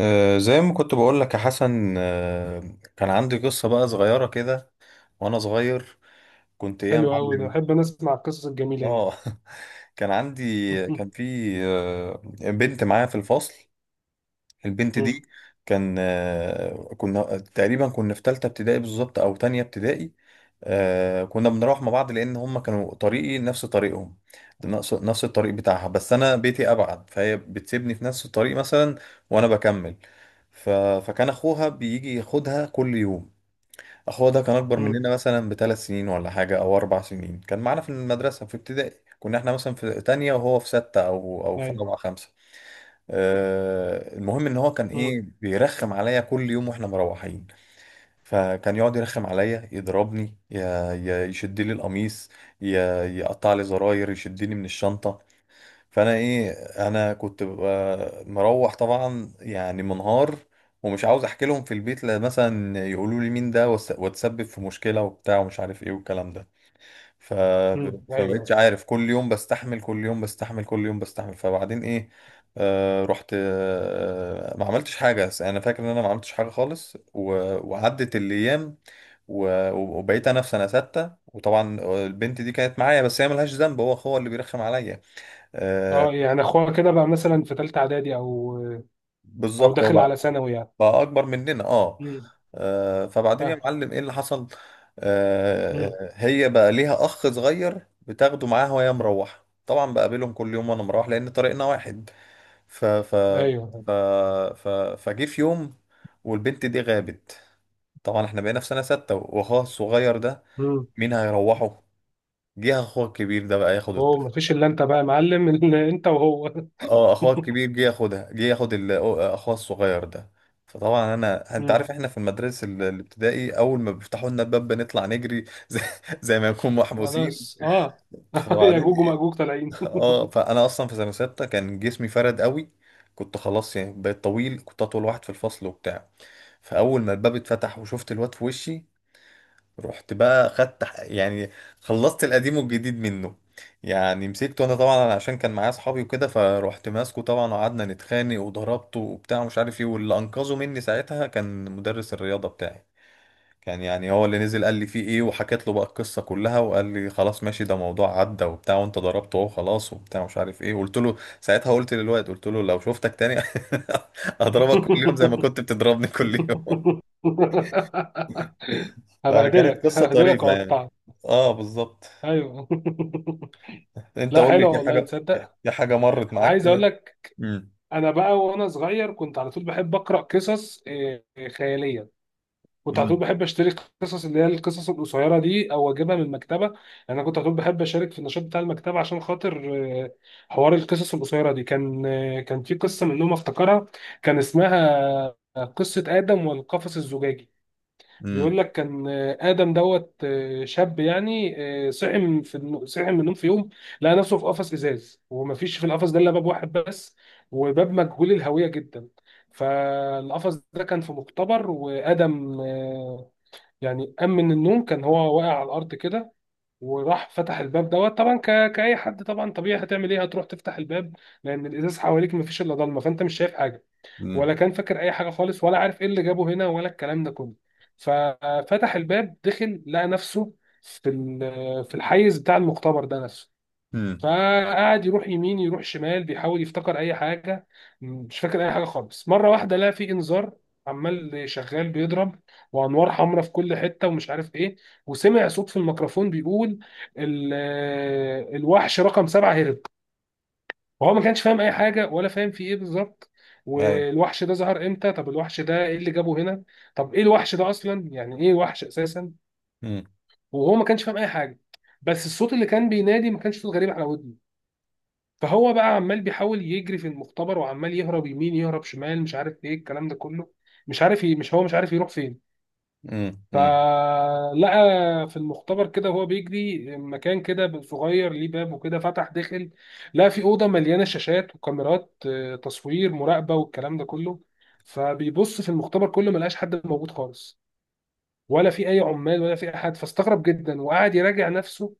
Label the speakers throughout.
Speaker 1: زي ما كنت بقول لك يا حسن، كان عندي قصة بقى صغيرة كده وأنا صغير. كنت إيه يا
Speaker 2: حلو قوي ده،
Speaker 1: معلم؟
Speaker 2: بحب انا اسمع القصص الجميله دي.
Speaker 1: آه. كان عندي
Speaker 2: مم.
Speaker 1: كان في آه، بنت معايا في الفصل. البنت
Speaker 2: مم.
Speaker 1: دي كان آه، كنا تقريبا في تالتة ابتدائي بالظبط أو تانية ابتدائي. كنا بنروح مع بعض لأن هما كانوا طريقي نفس طريقهم، نفس الطريق بتاعها، بس أنا بيتي أبعد فهي بتسيبني في نفس الطريق مثلا وأنا بكمل. ف... فكان أخوها بيجي ياخدها كل يوم. أخوها ده كان أكبر
Speaker 2: مم.
Speaker 1: مننا مثلا بـ3 سنين ولا حاجة أو 4 سنين، كان معانا في المدرسة في ابتدائي. كنا احنا مثلا في تانية وهو في ستة أو في
Speaker 2: ايوه.
Speaker 1: رابعة خمسة. المهم ان هو كان
Speaker 2: مم.
Speaker 1: ايه بيرخم عليا كل يوم واحنا مروحين، فكان يقعد يرخم عليا، يضربني، ي- يشد لي القميص، ي- يقطع لي زراير، يشدني من الشنطة. فانا ايه، انا كنت ببقى مروح طبعا يعني منهار، ومش عاوز احكي لهم في البيت لا مثلا يقولوا لي مين ده واتسبب في مشكلة وبتاع ومش عارف ايه والكلام ده. ف
Speaker 2: مم. ايوه.
Speaker 1: فمبقتش عارف، كل يوم بستحمل، كل يوم بستحمل، كل يوم بستحمل. فبعدين ايه؟ آه رحت، ما عملتش حاجة. انا فاكر ان انا ما عملتش حاجة خالص وعدت الايام. وبقيت انا في سنه سته، وطبعا البنت دي كانت معايا بس هي ملهاش ذنب، هو هو اللي بيرخم عليا. آه،
Speaker 2: اه، يعني اخوها كده بقى مثلا في ثالثه اعدادي او او
Speaker 1: بالظبط، هو
Speaker 2: داخل على
Speaker 1: بقى
Speaker 2: ثانوي يعني.
Speaker 1: بقى اكبر مننا. اه،
Speaker 2: مم.
Speaker 1: فبعدين يا
Speaker 2: فاهم.
Speaker 1: معلم ايه اللي حصل؟
Speaker 2: مم.
Speaker 1: هي بقى ليها اخ صغير بتاخده معاها وهي مروحه، طبعا بقابلهم كل يوم وانا مروح لان طريقنا واحد. ف ف
Speaker 2: ايوه.
Speaker 1: ف ف فجه في يوم والبنت دي غابت. طبعا احنا بقينا في سنه سته، واخوها الصغير ده
Speaker 2: مم.
Speaker 1: مين هيروحه؟ جه اخوها الكبير ده بقى ياخد،
Speaker 2: هو ما فيش الا انت بقى يا معلم؟ إلا انت وهو.
Speaker 1: اه، اخوها الكبير جه ياخدها، جه ياخد اخوها الصغير ده. فطبعا انا، انت
Speaker 2: مم.
Speaker 1: عارف احنا في المدرسه الابتدائي، اول ما بيفتحوا لنا الباب بنطلع نجري زي ما نكون محبوسين.
Speaker 2: خلاص اه. يا
Speaker 1: فبعدين
Speaker 2: جوج
Speaker 1: ايه؟
Speaker 2: وماجوج طالعين.
Speaker 1: اه، فانا اصلا في سنه سته كان جسمي فرد قوي، كنت خلاص يعني بقيت طويل، كنت اطول واحد في الفصل وبتاع. فاول ما الباب اتفتح وشفت الواد في وشي، رحت بقى خدت يعني خلصت القديم والجديد منه، يعني مسكته انا طبعا عشان كان معايا اصحابي وكده، فروحت ماسكه طبعا وقعدنا نتخانق وضربته وبتاع ومش عارف ايه. واللي انقذه مني ساعتها كان مدرس الرياضه بتاعي، كان يعني هو اللي نزل. قال لي فيه ايه، وحكيت له بقى القصه كلها، وقال لي خلاص ماشي، ده موضوع عدى وبتاع وانت ضربته اهو خلاص وبتاع مش عارف ايه. قلت له ساعتها، قلت للواد قلت له لو شفتك تاني اضربك كل يوم زي ما كنت بتضربني كل يوم. فكانت
Speaker 2: هبهدلك
Speaker 1: قصه
Speaker 2: هبهدلك
Speaker 1: طريفه يعني.
Speaker 2: واقطعك.
Speaker 1: اه بالظبط.
Speaker 2: ايوه.
Speaker 1: انت
Speaker 2: لا
Speaker 1: قول لي،
Speaker 2: حلو
Speaker 1: في
Speaker 2: والله،
Speaker 1: حاجه
Speaker 2: تصدق.
Speaker 1: في حاجه مرت معاك
Speaker 2: عايز اقول
Speaker 1: كده؟
Speaker 2: لك،
Speaker 1: امم.
Speaker 2: انا بقى وانا صغير كنت على طول بحب اقرا قصص خياليه. كنت على طول
Speaker 1: امم.
Speaker 2: بحب اشتري قصص اللي هي القصص القصيره دي او اجيبها من المكتبه يعني. انا كنت على طول بحب اشارك في النشاط بتاع المكتبه عشان خاطر آه، حوار القصص القصيره دي. كان كان في قصه منهم افتكرها، كان اسمها قصه ادم والقفص الزجاجي.
Speaker 1: امم.
Speaker 2: بيقول لك، كان آدم دوت شاب يعني، صحي من النوم في يوم، لقى نفسه في قفص إزاز، ومفيش في القفص ده إلا باب واحد بس، وباب مجهول الهوية جدا. فالقفص ده كان في مختبر، وآدم يعني قام من النوم، كان هو واقع على الأرض كده، وراح فتح الباب دوت طبعا، كأي حد طبعا طبيعي، هتعمل إيه؟ هتروح تفتح الباب، لأن الإزاز حواليك مفيش إلا ضلمة، فأنت مش شايف حاجة، ولا
Speaker 1: امم.
Speaker 2: كان فاكر اي حاجه خالص، ولا عارف ايه اللي جابه هنا، ولا الكلام ده كله. ففتح الباب دخل، لقى نفسه في في الحيز بتاع المختبر ده نفسه.
Speaker 1: امم.
Speaker 2: فقعد يروح يمين يروح شمال، بيحاول يفتكر اي حاجه، مش فاكر اي حاجه خالص. مره واحده لقى في انذار عمال شغال بيضرب، وانوار حمراء في كل حته، ومش عارف ايه. وسمع صوت في الميكروفون بيقول ال- الوحش رقم 7 هرب. وهو ما كانش فاهم اي حاجه، ولا فاهم في ايه بالظبط،
Speaker 1: ايوه.
Speaker 2: والوحش ده ظهر امتى؟ طب الوحش ده ايه اللي جابه هنا؟ طب ايه الوحش ده اصلا؟ يعني ايه وحش اساسا؟
Speaker 1: امم.
Speaker 2: وهو ما كانش فاهم اي حاجه، بس الصوت اللي كان بينادي ما كانش صوت غريب على ودني. فهو بقى عمال بيحاول يجري في المختبر، وعمال يهرب يمين يهرب شمال، مش عارف ايه الكلام ده كله، مش عارف مش عارف يروح فين.
Speaker 1: امم. امم.
Speaker 2: فلقى في المختبر كده وهو بيجري مكان كده صغير ليه باب وكده، فتح دخل، لقى في أوضة مليانة شاشات وكاميرات تصوير مراقبة والكلام ده كله. فبيبص في المختبر كله، ملقاش حد موجود خالص، ولا في أي عمال، ولا في أحد. فاستغرب جدا وقعد يراجع نفسه: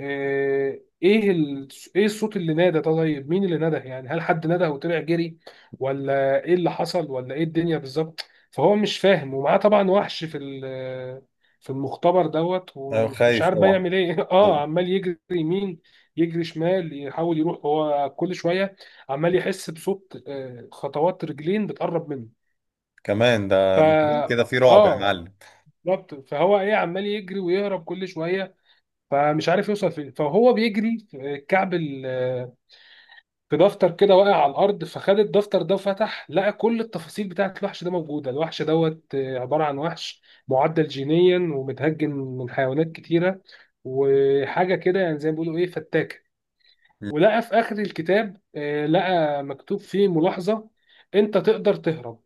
Speaker 2: آه، ايه ال... ايه الصوت اللي نادى؟ طيب مين اللي نادى يعني؟ هل حد نادى وطلع جري؟ ولا ايه اللي حصل؟ ولا ايه الدنيا بالظبط؟ فهو مش فاهم، ومعاه طبعا وحش في في المختبر دوت،
Speaker 1: ايوه،
Speaker 2: ومش
Speaker 1: خايف
Speaker 2: عارف بقى
Speaker 1: طبعا.
Speaker 2: يعمل ايه. اه،
Speaker 1: نعم.
Speaker 2: عمال يجري يمين يجري شمال، يحاول يروح هو كل شويه. عمال يحس بصوت خطوات رجلين بتقرب منه.
Speaker 1: كمان ده
Speaker 2: فا
Speaker 1: الموضوع كده فيه رعب يا
Speaker 2: اه
Speaker 1: معلم.
Speaker 2: بالظبط. فهو ايه، عمال يجري ويهرب كل شويه، فمش عارف يوصل فين. فهو بيجري في الكعب في دفتر كده واقع على الارض، فخد الدفتر ده وفتح، لقى كل التفاصيل بتاعت الوحش ده موجوده. الوحش دوت عباره عن وحش معدل جينيا ومتهجن من حيوانات كتيره، وحاجه كده يعني زي ما بيقولوا ايه، فتاكه. ولقى في اخر الكتاب لقى مكتوب فيه ملاحظه: انت تقدر تهرب،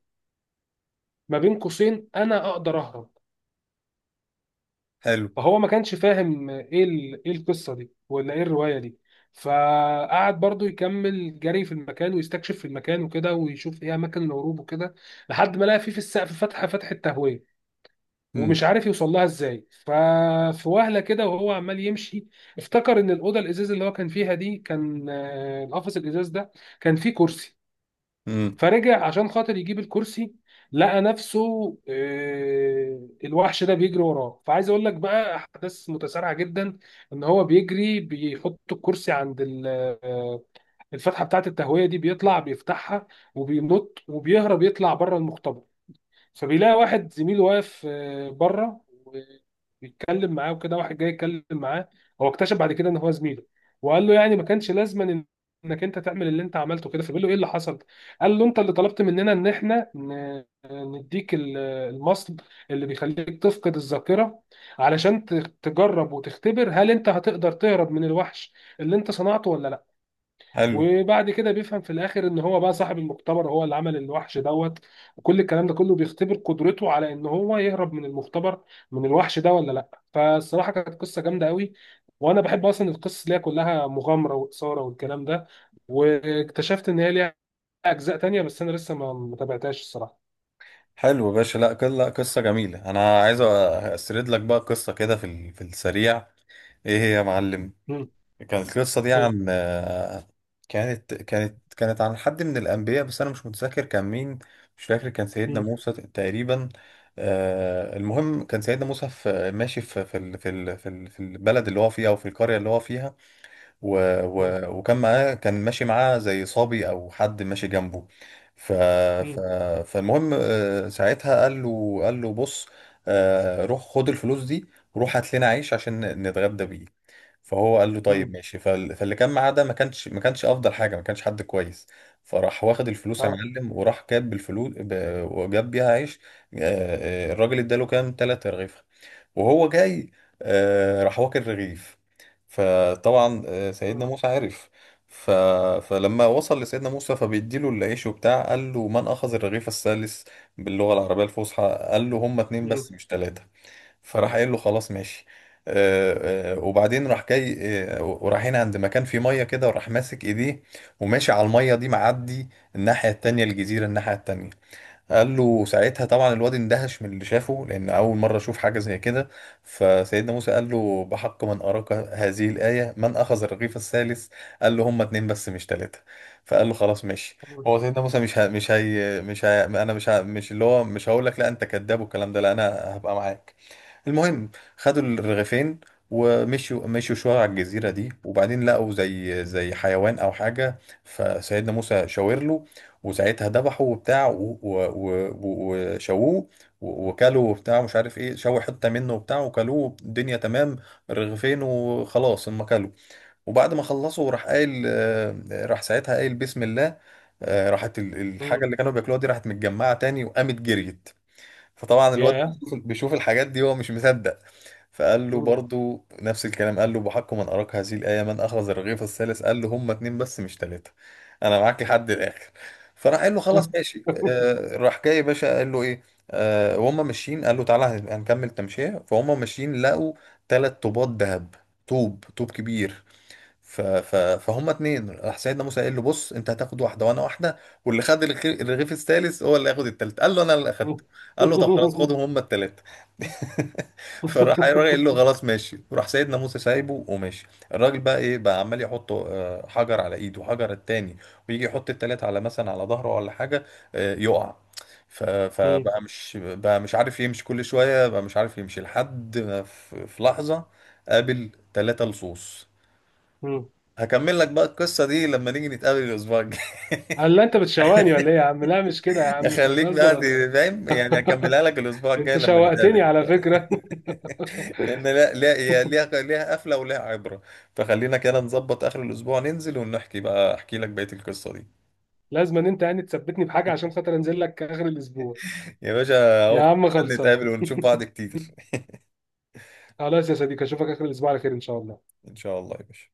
Speaker 2: ما بين قوسين: انا اقدر اهرب.
Speaker 1: حلو.
Speaker 2: فهو ما كانش فاهم ايه ايه القصه دي ولا ايه الروايه دي. فقعد برضو يكمل جري في المكان، ويستكشف في المكان وكده، ويشوف ايه اماكن الهروب وكده، لحد ما لقى فيه في السقف فتحه، فتحه تهويه، ومش
Speaker 1: امم.
Speaker 2: عارف يوصل لها ازاي. ففي وهله كده وهو عمال يمشي، افتكر ان الاوضه الازاز اللي هو كان فيها دي، كان القفص الازاز ده كان فيه كرسي.
Speaker 1: امم.
Speaker 2: فرجع عشان خاطر يجيب الكرسي، لقى نفسه الوحش ده بيجري وراه. فعايز اقول لك بقى احداث متسارعه جدا، ان هو بيجري بيحط الكرسي عند آه، الفتحه بتاعه التهويه دي، بيطلع بيفتحها، وبينط وبيهرب، يطلع بره المختبر. فبيلاقي واحد زميله واقف بره، وبيتكلم معاه وكده، واحد جاي يتكلم معاه. هو اكتشف بعد كده ان هو زميله. وقال له يعني، ما كانش لازما انك انت تعمل اللي انت عملته كده. فبيقول له ايه اللي حصل، قال له: انت اللي طلبت مننا ان احنا نديك المصل اللي بيخليك تفقد الذاكره علشان تجرب وتختبر هل انت هتقدر تهرب من الوحش اللي انت صنعته ولا لا.
Speaker 1: حلو.
Speaker 2: وبعد كده بيفهم في الاخر ان هو بقى صاحب المختبر، هو اللي عمل الوحش دوت، وكل الكلام ده كله بيختبر قدرته على ان هو يهرب من المختبر، من الوحش ده ولا لا. فالصراحه كانت قصه جامده قوي. وانا بحب اصلا القصص اللي هي كلها مغامره واثاره والكلام ده. واكتشفت ان هي ليها اجزاء تانية، بس انا لسه ما تابعتهاش الصراحه.
Speaker 1: حلو يا باشا، لا، لا قصه جميله. انا عايز اسرد لك بقى قصه كده في في السريع. ايه هي يا معلم؟
Speaker 2: مم.
Speaker 1: كانت القصة دي
Speaker 2: قول.
Speaker 1: عن كانت عن حد من الأنبياء بس أنا مش متذكر كان مين. مش فاكر، كان سيدنا
Speaker 2: مم.
Speaker 1: موسى تقريبا. المهم كان سيدنا موسى في ماشي في البلد اللي هو فيها أو في القرية اللي هو فيها. و
Speaker 2: مم.
Speaker 1: و وكان معاه كان ماشي معاه زي صبي أو حد ماشي جنبه. ف ف
Speaker 2: مم.
Speaker 1: فالمهم ساعتها قال له بص، روح خد الفلوس دي وروح هات لنا عيش عشان نتغدى بيه. فهو قال له طيب
Speaker 2: مم.
Speaker 1: ماشي. فاللي كان معاه ده ما كانش افضل حاجه، ما كانش حد كويس. فراح واخد الفلوس يا
Speaker 2: اه.
Speaker 1: معلم وراح جاب بالفلوس وجاب بيها عيش. الراجل اداله كام تلات رغيف، وهو جاي راح واكل رغيف. فطبعا سيدنا
Speaker 2: مم.
Speaker 1: موسى عرف. ف... فلما وصل لسيدنا موسى فبيديله العيش وبتاع، قال له: من اخذ الرغيف الثالث؟ باللغه العربيه الفصحى. قال له هما اتنين
Speaker 2: مم.
Speaker 1: بس مش تلاته. فراح قايل له خلاص ماشي. وبعدين راح جاي، ورايحين عند مكان فيه ميه كده، وراح ماسك ايديه وماشي على الميه دي، معدي الناحيه التانية، الجزيره الناحيه التانية. قال له ساعتها، طبعا الواد اندهش من اللي شافه لان اول مره اشوف حاجه زي كده. فسيدنا موسى قال له: بحق من اراك هذه الايه، من اخذ الرغيف الثالث؟ قال له هما اتنين بس مش تلاته. فقال له خلاص ماشي.
Speaker 2: مم.
Speaker 1: هو سيدنا موسى مش ه... مش اللي هو مش هقول لك لا انت كذاب والكلام ده، لا، انا هبقى معاك. المهم، خدوا الرغيفين ومشوا، مشوا شوية على الجزيرة دي، وبعدين لقوا زي زي حيوان أو حاجة. فسيدنا موسى شاور له وساعتها ذبحه وبتاع وشووه، وكلوا وبتاع مش عارف ايه، شووا حتة منه وبتاع وكلوه، الدنيا تمام. الرغيفين وخلاص هم كلوا. وبعد ما خلصوا راح قايل راح ساعتها قايل بسم الله. راحت الحاجة
Speaker 2: مم.
Speaker 1: اللي كانوا بياكلوها دي راحت متجمعة تاني وقامت جريت. فطبعا الواد
Speaker 2: ياه.
Speaker 1: بيشوف الحاجات دي هو مش مصدق. فقال له
Speaker 2: مم.
Speaker 1: برضو نفس الكلام، قال له: بحق من أراك هذه الآية، من أخذ الرغيف الثالث؟ قال له هما اتنين بس مش تلاتة، أنا معاك لحد الآخر. فراح قال له خلاص ماشي. آه، راح جاي يا باشا قال له إيه؟ آه، وهم ماشيين قال له: تعالى هنكمل تمشية. فهم ماشيين لقوا تلات طوبات ذهب، طوب طوب كبير. فهم اتنين، راح سيدنا موسى قال له: بص، انت هتاخد واحده وانا واحده، واللي خد الرغيف الثالث هو اللي هياخد التالت. قال له انا اللي اخدته. قال له طب خلاص، خدهم هم التلاته. فراح الراجل قال له خلاص ماشي، وراح سيدنا موسى سايبه وماشي. الراجل بقى ايه، بقى عمال يحط حجر على ايده وحجر التاني، ويجي يحط التلاته على مثلا على ظهره ولا حاجه، يقع.
Speaker 2: مم.
Speaker 1: فبقى مش، بقى مش عارف يمشي، كل شويه بقى مش عارف يمشي لحد ما في لحظه قابل ثلاثة لصوص.
Speaker 2: مم.
Speaker 1: هكمل لك بقى القصة دي لما نيجي نتقابل الأسبوع الجاي.
Speaker 2: هل انت بتشوقني ولا ايه يا عم؟ لا مش كده يا عم، انت
Speaker 1: أخليك
Speaker 2: بتهزر
Speaker 1: بقى
Speaker 2: ولا ايه؟
Speaker 1: فاهم يعني، هكملها لك الأسبوع الجاي
Speaker 2: انت
Speaker 1: لما نتقابل
Speaker 2: شوقتني
Speaker 1: إن
Speaker 2: على
Speaker 1: شاء الله.
Speaker 2: فكرة.
Speaker 1: لأن، لا لا، هي ليها، ليها قفلة وليها عبرة. فخلينا كده نظبط آخر الأسبوع ننزل ونحكي بقى، أحكي لك بقية القصة دي.
Speaker 2: لازم ان انت يعني تثبتني بحاجة عشان خاطر انزل لك اخر الاسبوع.
Speaker 1: يا باشا أهو
Speaker 2: يا عم
Speaker 1: عشان
Speaker 2: خلصان.
Speaker 1: نتقابل ونشوف بعض كتير.
Speaker 2: خلاص يا صديقي، اشوفك اخر الاسبوع على خير ان شاء الله.
Speaker 1: إن شاء الله يا باشا.